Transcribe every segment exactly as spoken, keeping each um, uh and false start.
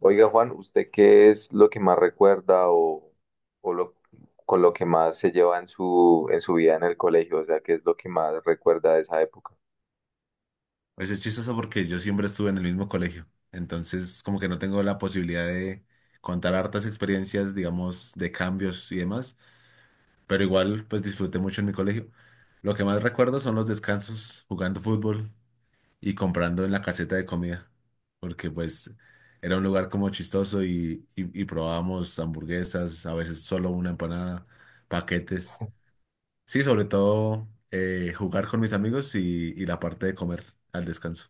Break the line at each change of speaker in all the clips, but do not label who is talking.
Oiga, Juan, ¿usted qué es lo que más recuerda o, o lo, con lo que más se lleva en su, en su vida en el colegio? O sea, ¿qué es lo que más recuerda de esa época?
Pues es chistoso porque yo siempre estuve en el mismo colegio, entonces como que no tengo la posibilidad de contar hartas experiencias, digamos, de cambios y demás, pero igual pues disfruté mucho en mi colegio. Lo que más recuerdo son los descansos jugando fútbol y comprando en la caseta de comida, porque pues era un lugar como chistoso y, y, y probábamos hamburguesas, a veces solo una empanada, paquetes. Sí, sobre todo eh, jugar con mis amigos y, y la parte de comer al descanso.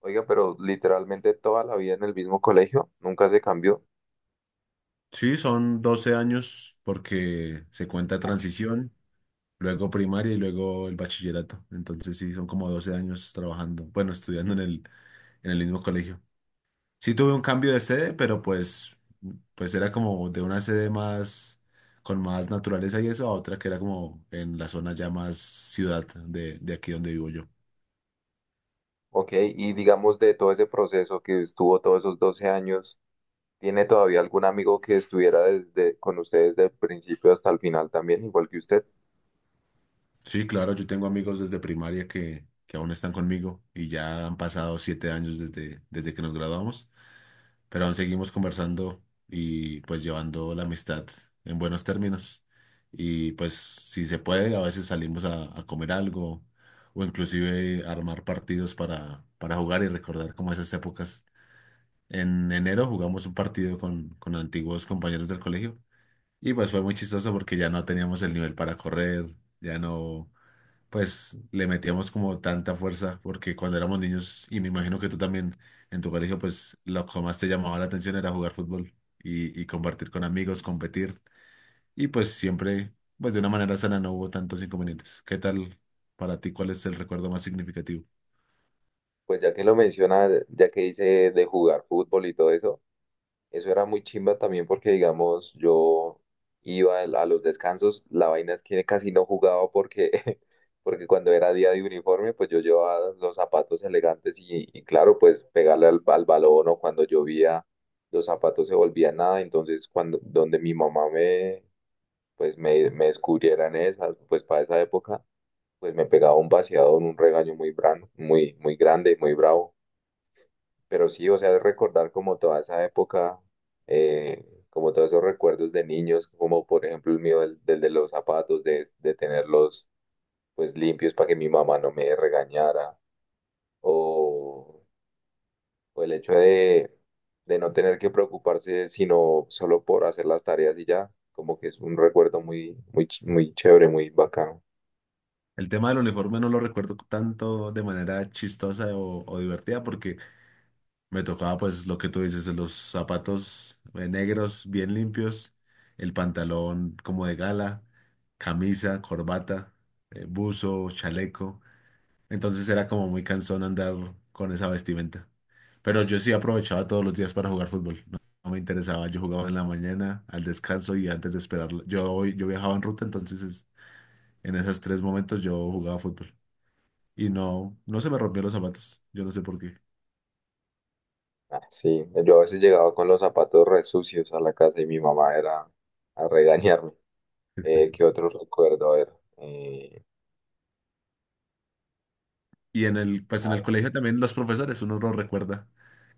Oiga, pero literalmente toda la vida en el mismo colegio, nunca se cambió.
Sí, son doce años porque se cuenta
Uf.
transición, luego primaria y luego el bachillerato. Entonces sí, son como doce años trabajando, bueno, estudiando en el, en el mismo colegio. Sí tuve un cambio de sede, pero pues, pues era como de una sede más, con más naturaleza y eso, a otra que era como en la zona ya más ciudad de, de aquí donde vivo yo.
Ok, y digamos de todo ese proceso que estuvo todos esos doce años, ¿tiene todavía algún amigo que estuviera desde, con usted desde el principio hasta el final también, igual que usted?
Sí, claro, yo tengo amigos desde primaria que, que aún están conmigo y ya han pasado siete años desde, desde que nos graduamos, pero aún seguimos conversando y pues llevando la amistad en buenos términos. Y pues si se puede, a veces salimos a, a comer algo o inclusive armar partidos para, para jugar y recordar como esas épocas. En enero jugamos un partido con, con antiguos compañeros del colegio y pues fue muy chistoso porque ya no teníamos el nivel para correr, ya no pues le metíamos como tanta fuerza, porque cuando éramos niños, y me imagino que tú también en tu colegio, pues lo que más te llamaba la atención era jugar fútbol y, y compartir con amigos, competir, y pues siempre, pues de una manera sana no hubo tantos inconvenientes. ¿Qué tal para ti? ¿Cuál es el recuerdo más significativo?
Pues ya que lo menciona, ya que dice de jugar fútbol y todo eso. Eso era muy chimba también porque, digamos, yo iba al- a los descansos, la vaina es que casi no jugaba porque, porque cuando era día de uniforme, pues yo llevaba los zapatos elegantes y, y claro, pues pegarle al, al balón o cuando llovía, los zapatos se volvían nada, entonces cuando, donde mi mamá me, pues me, me descubriera en esas, pues para esa época, pues me pegaba un vaciado, un regaño muy, brano, muy, muy grande, muy bravo. Pero sí, o sea, es recordar como toda esa época, eh, como todos esos recuerdos de niños, como por ejemplo el mío del, del de los zapatos, de, de tenerlos pues limpios para que mi mamá no me regañara, o, o el hecho de, de no tener que preocuparse sino solo por hacer las tareas y ya, como que es un recuerdo muy, muy, ch- muy chévere, muy bacano.
El tema del uniforme no lo recuerdo tanto de manera chistosa o, o divertida, porque me tocaba pues lo que tú dices, los zapatos eh, negros bien limpios, el pantalón como de gala, camisa, corbata, eh, buzo, chaleco. Entonces era como muy cansón andar con esa vestimenta. Pero yo sí aprovechaba todos los días para jugar fútbol. No, no me interesaba, yo jugaba en la mañana, al descanso y antes de esperar. Yo, yo viajaba en ruta, entonces es- en esos tres momentos yo jugaba fútbol. Y no, no se me rompieron los zapatos, yo no sé por qué.
Ah, sí, yo a veces llegaba con los zapatos re sucios a la casa y mi mamá era a regañarme. Eh, ¿qué otro recuerdo? A ver, eh,
Y en el, pues en el
una-
colegio también los profesores, uno los recuerda,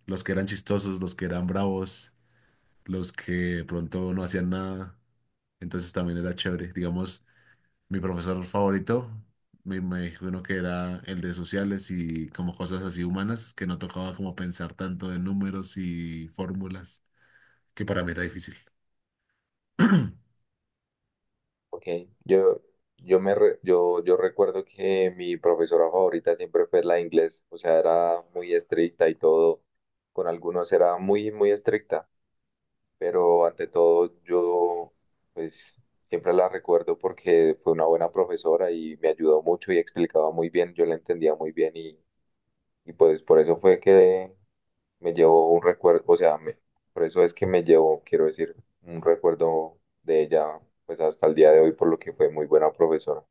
los que eran chistosos, los que eran bravos, los que de pronto no hacían nada. Entonces también era chévere. Digamos, mi profesor favorito, me, me dijo uno que era el de sociales y como cosas así humanas, que no tocaba como pensar tanto en números y fórmulas, que para mí era difícil.
ok, yo, yo, me re- yo, yo recuerdo que mi profesora favorita siempre fue la de inglés, o sea, era muy estricta y todo, con algunos era muy, muy estricta, pero ante todo yo, pues, siempre la recuerdo porque fue una buena profesora y me ayudó mucho y explicaba muy bien, yo la entendía muy bien. Y pues por eso fue que me llevó un recuerdo, o sea, me- por eso es que me llevó, quiero decir, un recuerdo de ella, pues hasta el día de hoy, por lo que fue muy buena profesora,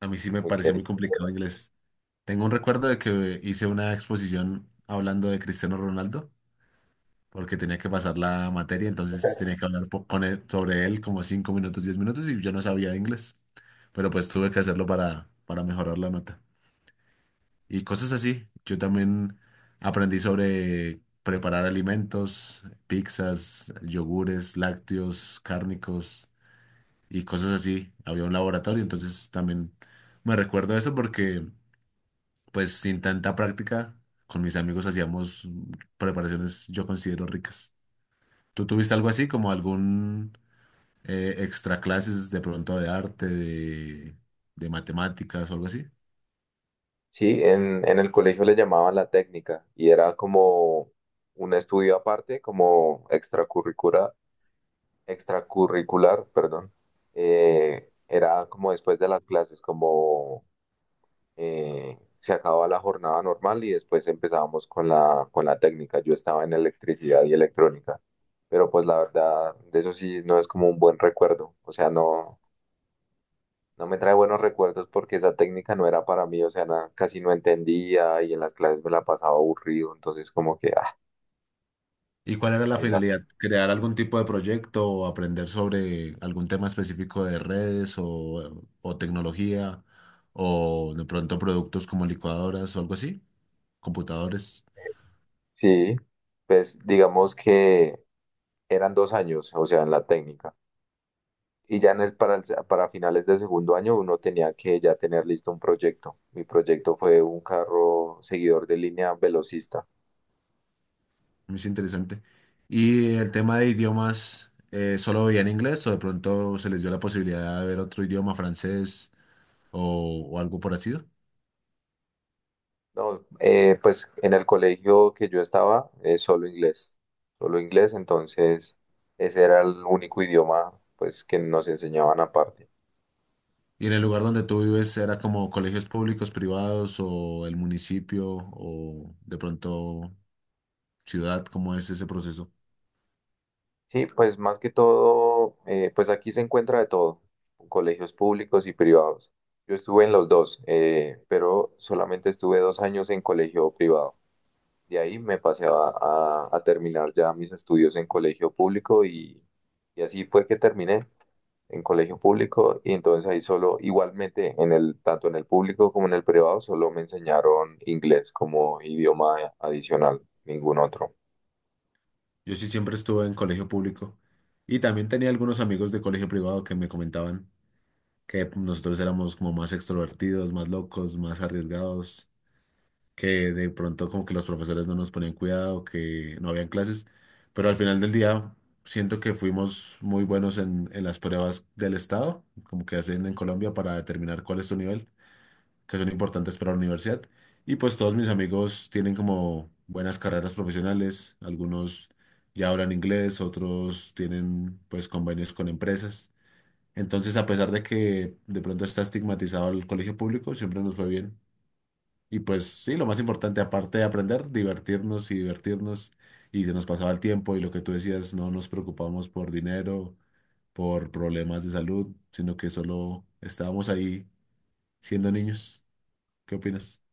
A mí sí me
muy
pareció
querida.
muy complicado inglés. Tengo un recuerdo de que hice una exposición hablando de Cristiano Ronaldo porque tenía que pasar la materia, entonces
Ok.
tenía que hablar po- con él, sobre él como cinco minutos, diez minutos, y yo no sabía de inglés, pero pues tuve que hacerlo para, para mejorar la nota. Y cosas así. Yo también aprendí sobre preparar alimentos, pizzas, yogures, lácteos, cárnicos y cosas así. Había un laboratorio, entonces también me recuerdo eso porque pues sin tanta práctica, con mis amigos hacíamos preparaciones yo considero ricas. ¿Tú tuviste algo así como algún eh, extra clases de pronto de arte, de, de matemáticas o algo así?
Sí, en, en el colegio le llamaban la técnica y era como un estudio aparte, como extracurricular, extracurricular, perdón. Eh, era como después de las clases, como eh, se acababa la jornada normal y después empezábamos con la, con la técnica. Yo estaba en electricidad y electrónica, pero pues la verdad, de eso sí no es como un buen recuerdo. O sea, no, no me trae buenos recuerdos porque esa técnica no era para mí, o sea, na- casi no entendía y en las clases me la pasaba aburrido, entonces como que, ah,
¿Y cuál era la
ahí la...
finalidad? ¿Crear algún tipo de proyecto o aprender sobre algún tema específico de redes o, o tecnología o de pronto productos como licuadoras o algo así? Computadores,
Sí, pues digamos que eran dos años, o sea, en la técnica. Y ya en el- para, el se- para finales de segundo año uno tenía que ya tener listo un proyecto. Mi proyecto fue un carro seguidor de línea velocista.
es interesante. ¿Y el tema de idiomas, eh, solo veían inglés o de pronto se les dio la posibilidad de ver otro idioma, francés o, o algo por así?
No, eh, pues en el colegio que yo estaba, eh, solo inglés, solo inglés, entonces ese era el único idioma pues que nos enseñaban aparte.
¿Y en el lugar donde tú vives era como colegios públicos, privados o el municipio o de pronto ciudad? ¿Cómo es ese proceso?
Sí, pues más que todo, eh, pues aquí se encuentra de todo, colegios públicos y privados. Yo estuve en los dos, eh, pero solamente estuve dos años en colegio privado. De ahí me pasé a, a- a terminar ya mis estudios en colegio público y, y así fue que terminé en colegio público y entonces ahí solo, igualmente en el, tanto en el público como en el privado, solo me enseñaron inglés como idioma adicional, ningún otro.
Yo sí siempre estuve en colegio público y también tenía algunos amigos de colegio privado que me comentaban que nosotros éramos como más extrovertidos, más locos, más arriesgados, que de pronto como que los profesores no nos ponían cuidado, que no habían clases, pero al final del día siento que fuimos muy buenos en, en las pruebas del Estado, como que hacen en Colombia para determinar cuál es tu nivel, que son importantes para la universidad. Y pues todos mis amigos tienen como buenas carreras profesionales, algunos ya hablan inglés, otros tienen pues convenios con empresas. Entonces, a pesar de que de pronto está estigmatizado el colegio público, siempre nos fue bien. Y pues sí, lo más importante, aparte de aprender, divertirnos y divertirnos. Y se nos pasaba el tiempo y lo que tú decías, no nos preocupamos por dinero, por problemas de salud, sino que solo estábamos ahí siendo niños. ¿Qué opinas?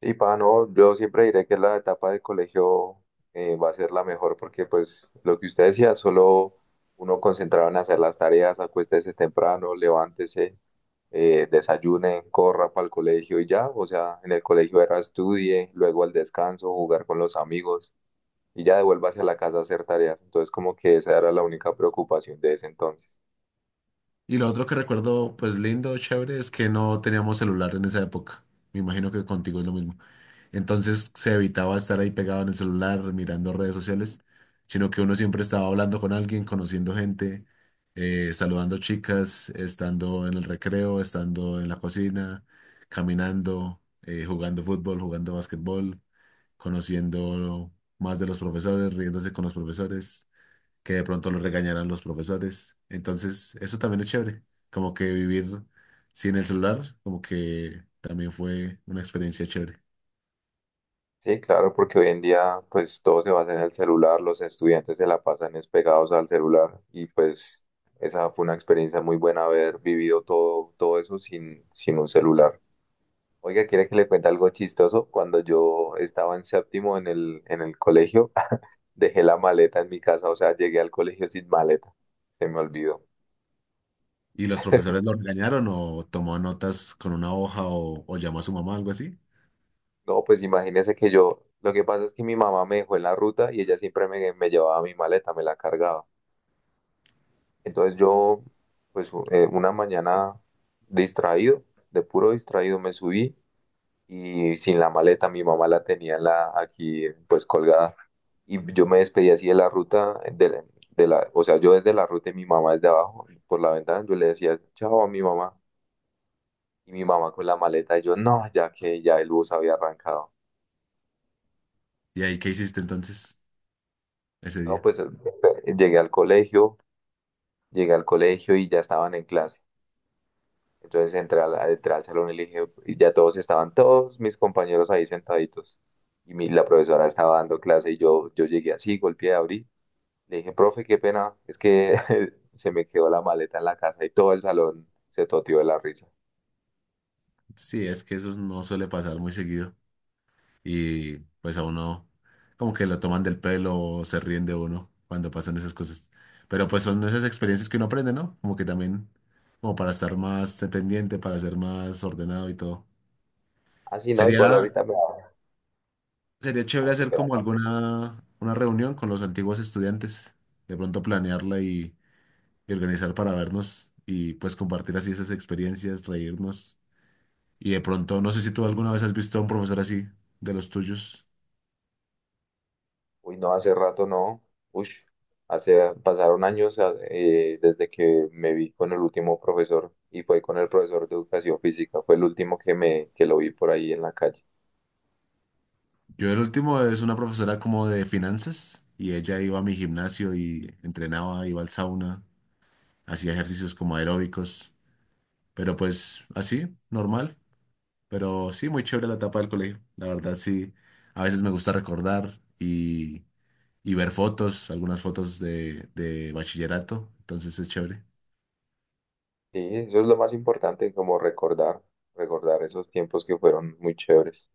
Y pa, no, yo siempre diré que la etapa del colegio eh, va a ser la mejor porque pues lo que usted decía, solo uno concentrado en hacer las tareas, acuéstese temprano, levántese, eh, desayune, corra para el colegio y ya, o sea, en el colegio era estudie, luego al descanso, jugar con los amigos y ya devuélvase a la casa a hacer tareas. Entonces como que esa era la única preocupación de ese entonces.
Y lo otro que recuerdo, pues lindo, chévere, es que no teníamos celular en esa época. Me imagino que contigo es lo mismo. Entonces se evitaba estar ahí pegado en el celular, mirando redes sociales, sino que uno siempre estaba hablando con alguien, conociendo gente, eh, saludando chicas, estando en el recreo, estando en la cocina, caminando, eh, jugando fútbol, jugando básquetbol, conociendo más de los profesores, riéndose con los profesores, que de pronto los regañaran los profesores. Entonces, eso también es chévere, como que vivir sin el celular, como que también fue una experiencia chévere.
Sí, claro, porque hoy en día pues todo se basa en el celular, los estudiantes se la pasan es pegados al celular y pues esa fue una experiencia muy buena haber vivido todo, todo eso sin, sin un celular. Oiga, ¿quiere que le cuente algo chistoso? Cuando yo estaba en séptimo en el, en el colegio, dejé la maleta en mi casa, o sea, llegué al colegio sin maleta, se me olvidó.
¿Y los profesores lo regañaron o tomó notas con una hoja o, o llamó a su mamá, algo así?
No, pues imagínese que yo, lo que pasa es que mi mamá me dejó en la ruta y ella siempre me, me llevaba mi maleta, me la cargaba. Entonces yo, pues u- eh, una mañana distraído, de puro distraído me subí y sin la maleta, mi mamá la tenía en la, aquí pues colgada y yo me despedí así de la ruta, de la, de la- o sea, yo desde la ruta y mi mamá desde abajo, por la ventana, yo le decía chao a mi mamá y mi mamá con la maleta y yo no, ya que ya el bus había arrancado.
¿Y ahí qué hiciste entonces ese
No,
día?
pues eh, llegué al colegio, llegué al colegio y ya estaban en clase. Entonces entré al, entré al salón y le dije, y ya todos estaban, todos mis compañeros ahí sentaditos. Y mi, la profesora estaba dando clase y yo, yo llegué así, golpeé, abrí. Le dije, profe, qué pena, es que se me quedó la maleta en la casa y todo el salón se toteó de la risa.
Sí, es que eso no suele pasar muy seguido y pues a uno como que lo toman del pelo o se ríen de uno cuando pasan esas cosas. Pero pues son esas experiencias que uno aprende, ¿no? Como que también, como para estar más pendiente, para ser más ordenado y todo.
Así no,
Sería,
igual ahorita me...
sería chévere
Ah, qué
hacer
pena.
como
No.
alguna una reunión con los antiguos estudiantes, de pronto planearla y y organizar para vernos y pues compartir así esas experiencias, reírnos. Y de pronto, no sé si tú alguna vez has visto a un profesor así, de los tuyos.
Uy, no, hace rato no. Uy, hace, pasaron años ah, eh, desde que me vi con el último profesor y fue con el profesor de educación física. Fue el último que me, que lo vi por ahí en la calle.
Yo el último es una profesora como de finanzas y ella iba a mi gimnasio y entrenaba, iba al sauna, hacía ejercicios como aeróbicos, pero pues así, normal. Pero sí, muy chévere la etapa del colegio. La verdad sí, a veces me gusta recordar y, y ver fotos, algunas fotos de, de bachillerato, entonces es chévere.
Sí, eso es lo más importante, como recordar, recordar esos tiempos que fueron muy chéveres.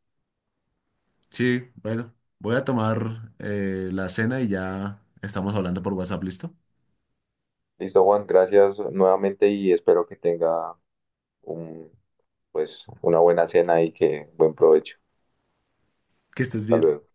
Sí, bueno, voy a tomar eh, la cena y ya estamos hablando por WhatsApp, ¿listo?
Listo, Juan, gracias nuevamente y espero que tenga un, pues, una buena cena y que buen provecho.
Que estés
Hasta
bien.
luego.